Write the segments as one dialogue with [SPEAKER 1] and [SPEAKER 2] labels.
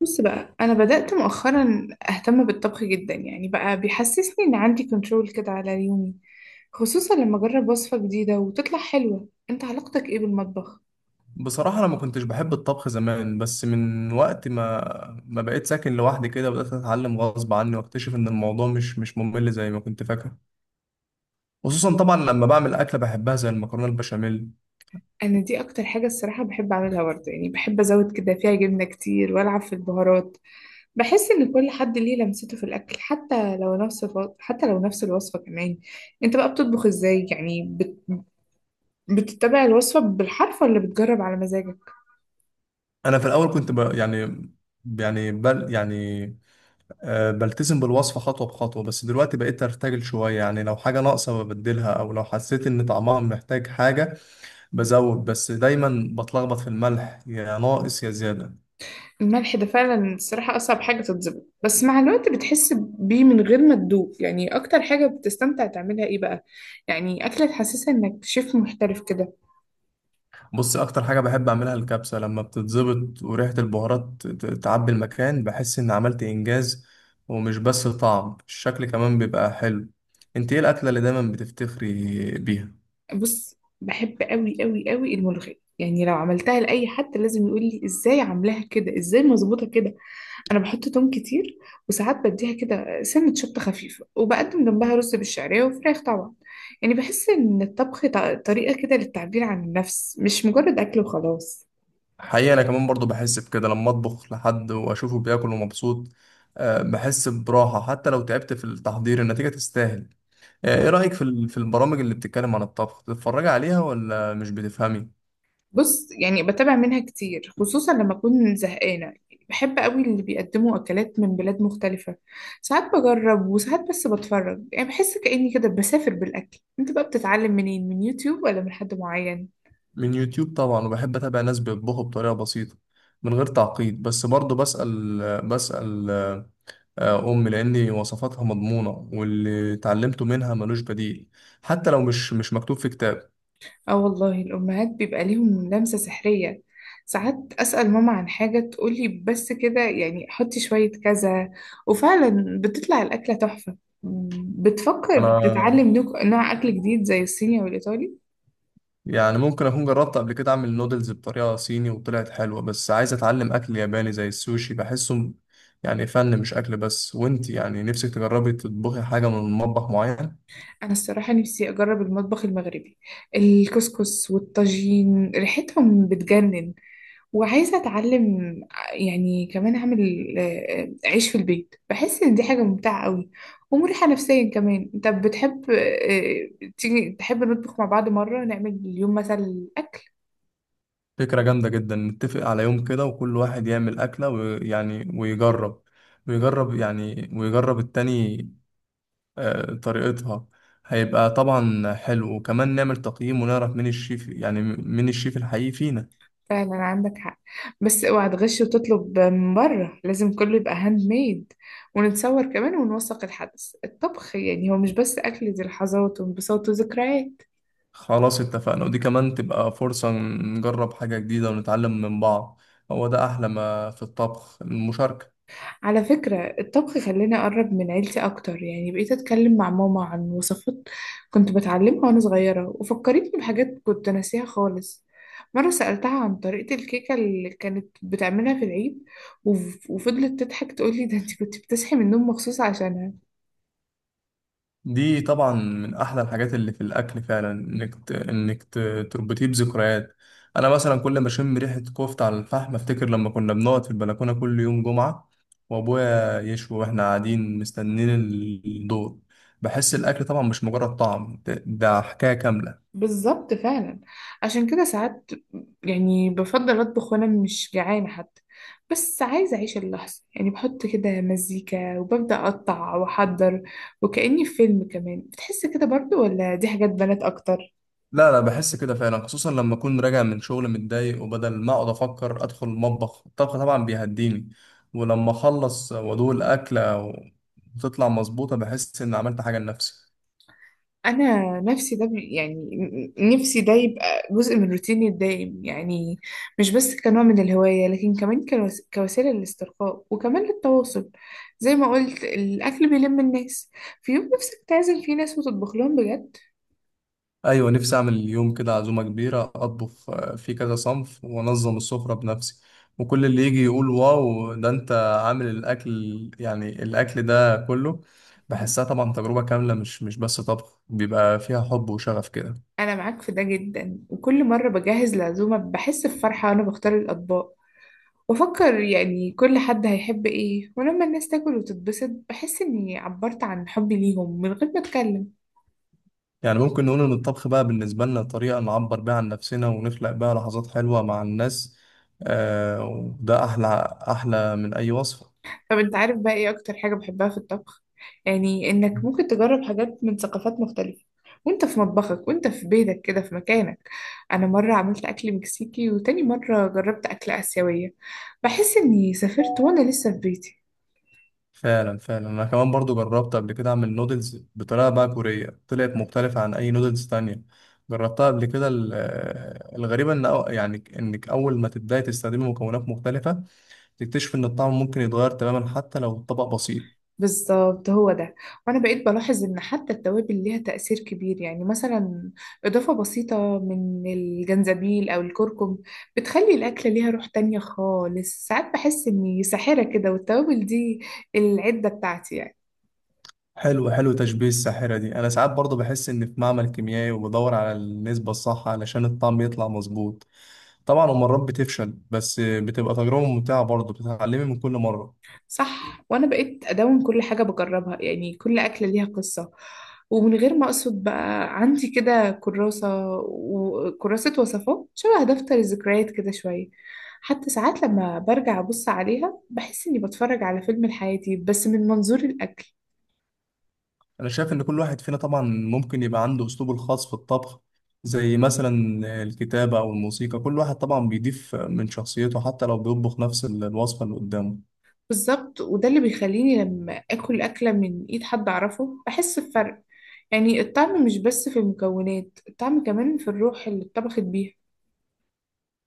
[SPEAKER 1] بص بقى، أنا بدأت مؤخرا أهتم بالطبخ جدا. يعني بقى بيحسسني إن عندي كنترول كده على يومي، خصوصا لما أجرب وصفة جديدة وتطلع حلوة. أنت علاقتك إيه بالمطبخ؟
[SPEAKER 2] بصراحة، أنا ما كنتش بحب الطبخ زمان، بس من وقت ما بقيت ساكن لوحدي كده، بدأت أتعلم غصب عني وأكتشف إن الموضوع مش ممل زي ما كنت فاكر، خصوصا طبعا لما بعمل أكلة بحبها زي المكرونة البشاميل.
[SPEAKER 1] أنا دي أكتر حاجة الصراحة بحب أعملها برضه، يعني بحب أزود كده فيها جبنة كتير وألعب في البهارات. بحس إن كل حد ليه لمسته في الأكل، حتى لو نفس الوصفة كمان. أنت بقى بتطبخ إزاي؟ يعني بتتبع الوصفة بالحرف ولا بتجرب على مزاجك؟
[SPEAKER 2] أنا في الأول كنت ب... يعني يعني بل يعني آه بلتزم بالوصفة خطوة بخطوة، بس دلوقتي بقيت أرتجل شوية. يعني لو حاجة ناقصة ببدلها، أو لو حسيت إن طعمها محتاج حاجة بزود، بس دايما بتلخبط في الملح، يا ناقص يا زيادة.
[SPEAKER 1] الملح ده فعلا الصراحة أصعب حاجة تتظبط، بس مع الوقت بتحس بيه من غير ما تدوق. يعني أكتر حاجة بتستمتع تعملها إيه بقى؟ يعني أكلة تحسسها إنك شيف محترف كده.
[SPEAKER 2] بص، اكتر حاجه بحب اعملها الكبسه، لما بتتظبط وريحه البهارات تعبي المكان بحس ان عملت انجاز. ومش بس طعم، الشكل كمان بيبقى حلو. انت ايه الاكله اللي دايما بتفتخري بيها؟
[SPEAKER 1] بص بحب أوي أوي أوي الملوخية، يعني لو عملتها لأي حد لازم يقول لي إزاي عاملاها كده، إزاي مظبوطة كده. أنا بحط توم كتير، وساعات بديها كده سنة شطة خفيفة، وبقدم جنبها رز بالشعرية وفراخ طبعا. يعني بحس إن الطبخ طريقة كده للتعبير عن النفس، مش مجرد أكل وخلاص.
[SPEAKER 2] حقيقه انا كمان برضو بحس بكده لما اطبخ لحد واشوفه بياكل ومبسوط. آه، بحس براحه، حتى لو تعبت في التحضير النتيجه تستاهل. آه، ايه رايك في البرامج اللي بتتكلم عن الطبخ؟ بتتفرجي عليها ولا مش بتفهمي؟
[SPEAKER 1] بص يعني بتابع منها كتير، خصوصا لما أكون زهقانة. بحب قوي اللي بيقدموا أكلات من بلاد مختلفة. ساعات بجرب وساعات بس بتفرج، يعني بحس كأني كده بسافر بالأكل. أنت بقى بتتعلم منين، من يوتيوب ولا من حد معين؟
[SPEAKER 2] من يوتيوب طبعا، وبحب اتابع ناس بيطبخوا بطريقه بسيطه من غير تعقيد، بس برضه بسأل بسأل امي لان وصفاتها مضمونه، واللي اتعلمته منها ملوش بديل، حتى لو مش مكتوب في كتاب.
[SPEAKER 1] آه والله، الأمهات بيبقى ليهم لمسة سحرية. ساعات أسأل ماما عن حاجة تقولي بس كده، يعني حطي شوية كذا، وفعلا بتطلع الأكلة تحفة. بتفكر
[SPEAKER 2] انا
[SPEAKER 1] تتعلم نوع أكل جديد زي الصيني والإيطالي؟
[SPEAKER 2] يعني ممكن اكون جربت قبل كده اعمل نودلز بطريقه صيني وطلعت حلوه، بس عايز اتعلم اكل ياباني زي السوشي، بحسه يعني فن مش اكل بس. وانت، يعني نفسك تجربي تطبخي حاجه من مطبخ معين؟
[SPEAKER 1] أنا الصراحة نفسي أجرب المطبخ المغربي. الكسكس والطاجين ريحتهم بتجنن، وعايزة أتعلم. يعني كمان أعمل عيش في البيت، بحس إن دي حاجة ممتعة قوي، ومريحة نفسيا كمان. طب بتحب تيجي تحب نطبخ مع بعض مرة، نعمل اليوم مثلا أكل.
[SPEAKER 2] فكرة جامدة جدا. نتفق على يوم كده، وكل واحد يعمل أكلة ويعني ويجرب ويجرب يعني ويجرب التاني طريقتها. هيبقى طبعا حلو، وكمان نعمل تقييم ونعرف مين الشيف الحقيقي فينا.
[SPEAKER 1] فعلا عندك حق، بس اوعى تغش وتطلب من بره، لازم كله يبقى هاند ميد. ونتصور كمان ونوثق الحدث. الطبخ يعني هو مش بس أكل، دي لحظات وانبساط وذكريات.
[SPEAKER 2] خلاص، اتفقنا، ودي كمان تبقى فرصة نجرب حاجة جديدة ونتعلم من بعض. هو ده أحلى ما في الطبخ، المشاركة.
[SPEAKER 1] على فكرة، الطبخ خلاني أقرب من عيلتي أكتر. يعني بقيت أتكلم مع ماما عن وصفات كنت بتعلمها وأنا صغيرة، وفكرتني بحاجات كنت ناسيها خالص. مرة سألتها عن طريقة الكيكة اللي كانت بتعملها في العيد، وفضلت تضحك تقولي، ده انت كنت بتصحي من النوم مخصوص عشانها.
[SPEAKER 2] دي طبعا من احلى الحاجات اللي في الاكل، فعلا انك تربطيه بذكريات. انا مثلا كل ما اشم ريحه كفته على الفحم افتكر لما كنا بنقعد في البلكونه كل يوم جمعه، وابويا يشوي واحنا قاعدين مستنيين الدور. بحس الاكل طبعا مش مجرد طعم، ده حكايه كامله.
[SPEAKER 1] بالظبط فعلا. عشان كده ساعات يعني بفضل اطبخ وانا مش جعانه حتى، بس عايزه اعيش اللحظه. يعني بحط كده مزيكا وببدا اقطع واحضر، وكاني في فيلم. كمان بتحس كده برضو، ولا دي حاجات بنات اكتر؟
[SPEAKER 2] لا لا، بحس كده فعلا، خصوصا لما اكون راجع من شغل متضايق وبدل ما اقعد افكر ادخل المطبخ. الطبخ طبعا بيهديني، ولما اخلص وادوق الاكله وتطلع مظبوطه بحس ان عملت حاجه لنفسي.
[SPEAKER 1] انا نفسي ده نفسي ده يبقى جزء من روتيني الدايم، يعني مش بس كنوع من الهواية، لكن كمان كوسيلة للاسترخاء وكمان للتواصل. زي ما قلت، الاكل بيلم الناس. في يوم نفسك تعزم فيه ناس وتطبخ لهم بجد؟
[SPEAKER 2] ايوه، نفسي اعمل اليوم كده عزومه كبيره، اطبخ في كذا صنف وانظم السفره بنفسي، وكل اللي يجي يقول واو، ده انت عامل الاكل، يعني الاكل ده كله. بحسها طبعا تجربه كامله، مش بس طبخ، بيبقى فيها حب وشغف كده.
[SPEAKER 1] انا معاك في ده جدا. وكل مرة بجهز العزومة بحس بفرحة وانا بختار الاطباق، بفكر يعني كل حد هيحب ايه. ولما الناس تاكل وتتبسط بحس اني عبرت عن حبي ليهم من غير ما اتكلم.
[SPEAKER 2] يعني ممكن نقول إن الطبخ بقى بالنسبة لنا طريقة نعبر بيها عن نفسنا ونخلق بيها لحظات حلوة مع الناس، آه وده أحلى، أحلى من أي وصفة.
[SPEAKER 1] طب انت عارف بقى ايه اكتر حاجة بحبها في الطبخ؟ يعني انك ممكن تجرب حاجات من ثقافات مختلفة وانت في مطبخك وانت في بيتك كده في مكانك. انا مرة عملت اكل مكسيكي، وتاني مرة جربت اكل اسيوية. بحس اني سافرت وانا لسه في بيتي.
[SPEAKER 2] فعلا فعلا، أنا كمان برضو جربت قبل كده أعمل نودلز بطريقة بقى كورية، طلعت مختلفة عن أي نودلز تانية جربتها قبل كده. الغريبة إن، أو يعني إنك أول ما تبدأي تستخدمي مكونات مختلفة تكتشف إن الطعم ممكن يتغير تماما حتى لو الطبق بسيط.
[SPEAKER 1] بالظبط هو ده. وانا بقيت بلاحظ ان حتى التوابل ليها تأثير كبير. يعني مثلا اضافة بسيطة من الجنزبيل او الكركم بتخلي الاكلة ليها روح تانية خالص. ساعات بحس اني ساحرة كده، والتوابل دي العدة بتاعتي يعني.
[SPEAKER 2] حلو حلو تشبيه الساحرة دي. أنا ساعات برضه بحس إن في معمل كيميائي، وبدور على النسبة الصح علشان الطعم يطلع مظبوط طبعا، ومرات بتفشل، بس بتبقى تجربة ممتعة برضه، بتتعلمي من كل مرة.
[SPEAKER 1] صح، وانا بقيت ادون كل حاجه بجربها. يعني كل اكله ليها قصه، ومن غير ما اقصد بقى عندي كده كراسه وكراسه وصفات شبه دفتر الذكريات كده شويه. حتى ساعات لما برجع ابص عليها بحس اني بتفرج على فيلم لحياتي، بس من منظور الاكل.
[SPEAKER 2] أنا شايف إن كل واحد فينا طبعا ممكن يبقى عنده أسلوبه الخاص في الطبخ، زي مثلا الكتابة أو الموسيقى. كل واحد طبعا بيضيف من شخصيته حتى لو بيطبخ نفس الوصفة اللي قدامه.
[SPEAKER 1] بالظبط، وده اللي بيخليني لما اكل اكله من ايد حد اعرفه بحس بفرق. يعني الطعم مش بس في المكونات، الطعم كمان في الروح اللي اتطبخت بيها.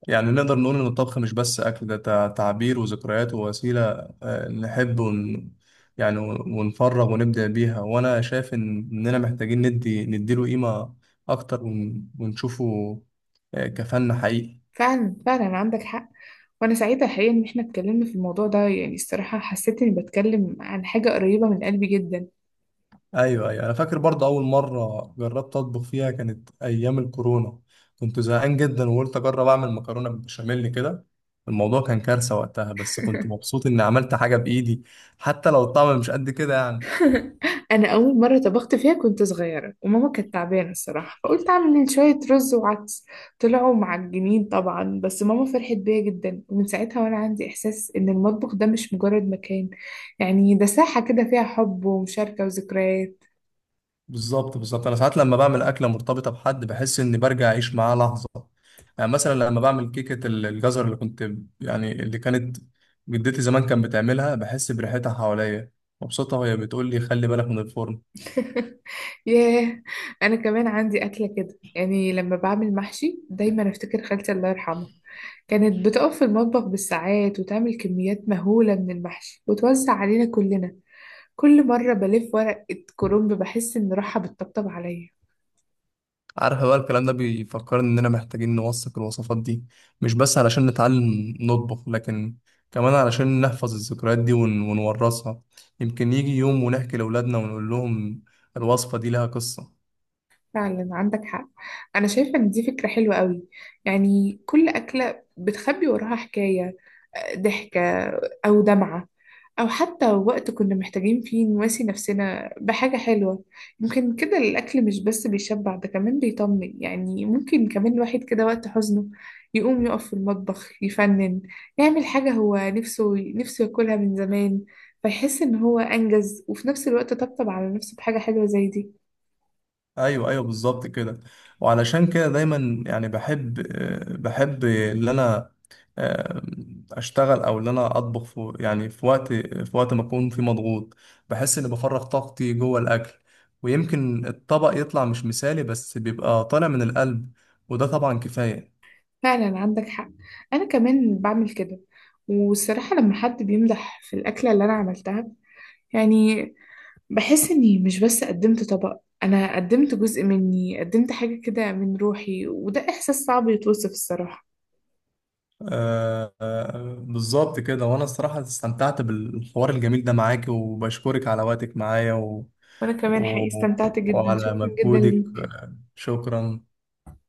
[SPEAKER 2] يعني نقدر نقول إن الطبخ مش بس أكل، ده تعبير وذكريات ووسيلة آه، نحب ون... يعني ونفرغ ونبدع بيها. وأنا شايف إننا محتاجين نديله قيمة أكتر ونشوفه كفن حقيقي.
[SPEAKER 1] فعلا فعلا عندك حق. وانا سعيده الحقيقه ان احنا اتكلمنا في الموضوع ده، يعني الصراحه حسيت اني بتكلم عن حاجه قريبه من قلبي جدا.
[SPEAKER 2] أيوه أيوه، أنا فاكر برضه أول مرة جربت أطبخ فيها كانت أيام الكورونا، كنت زهقان جدا وقلت أجرب أعمل مكرونة بالبشاميل كده. الموضوع كان كارثة وقتها، بس كنت مبسوط إني عملت حاجة بإيدي حتى لو الطعم مش قد كده يعني.
[SPEAKER 1] انا اول مره طبخت فيها كنت صغيره وماما كانت تعبانه الصراحه، فقلت اعمل شويه رز وعدس. طلعوا معجنين طبعا، بس ماما فرحت بيا جدا. ومن ساعتها وانا عندي احساس ان المطبخ ده مش مجرد مكان، يعني ده ساحه كده فيها حب ومشاركه وذكريات.
[SPEAKER 2] بالظبط بالظبط، انا ساعات لما بعمل اكله مرتبطه بحد بحس اني برجع اعيش معاه لحظه. يعني مثلا لما بعمل كيكه الجزر اللي كنت يعني اللي كانت جدتي زمان كانت بتعملها بحس بريحتها حواليا مبسوطه، وهي بتقول لي خلي بالك من الفرن.
[SPEAKER 1] ياه. انا كمان عندي اكله كده. يعني لما بعمل محشي دايما افتكر خالتي الله يرحمها. كانت بتقف في المطبخ بالساعات وتعمل كميات مهوله من المحشي وتوزع علينا كلنا. كل مره بلف ورقه كرنب بحس ان روحها بتطبطب عليا.
[SPEAKER 2] عارف بقى، الكلام ده بيفكرني اننا محتاجين نوثق الوصفات دي، مش بس علشان نتعلم نطبخ، لكن كمان علشان نحفظ الذكريات دي ونورثها. يمكن يجي يوم ونحكي لاولادنا ونقول لهم الوصفه دي لها قصه.
[SPEAKER 1] فعلا عندك حق. انا شايفه ان دي فكره حلوه قوي. يعني كل اكله بتخبي وراها حكايه، ضحكه او دمعه، او حتى وقت كنا محتاجين فيه نواسي نفسنا بحاجه حلوه. يمكن كده الاكل مش بس بيشبع، ده كمان بيطمن. يعني ممكن كمان الواحد كده وقت حزنه يقوم يقف في المطبخ يفنن، يعمل حاجه هو نفسه ياكلها من زمان، فيحس ان هو انجز، وفي نفس الوقت طبطب على نفسه بحاجه حلوه زي دي.
[SPEAKER 2] ايوه ايوه بالظبط كده. وعلشان كده دايما، يعني بحب ان انا آه، اشتغل، او ان انا اطبخ في وقت ما اكون فيه مضغوط. بحس اني بفرغ طاقتي جوه الاكل، ويمكن الطبق يطلع مش مثالي بس بيبقى طالع من القلب، وده طبعا كفاية.
[SPEAKER 1] فعلا عندك حق. انا كمان بعمل كده. والصراحة لما حد بيمدح في الأكلة اللي أنا عملتها، يعني بحس إني مش بس قدمت طبق، أنا قدمت جزء مني، قدمت حاجة كده من روحي. وده إحساس صعب يتوصف الصراحة.
[SPEAKER 2] آه، آه، بالظبط كده. وانا الصراحة استمتعت بالحوار الجميل ده معاك، وبشكرك على وقتك معايا
[SPEAKER 1] وأنا كمان
[SPEAKER 2] و...
[SPEAKER 1] حقيقي استمتعت جدا،
[SPEAKER 2] وعلى
[SPEAKER 1] شكرا جدا
[SPEAKER 2] مجهودك.
[SPEAKER 1] ليك.
[SPEAKER 2] شكرا.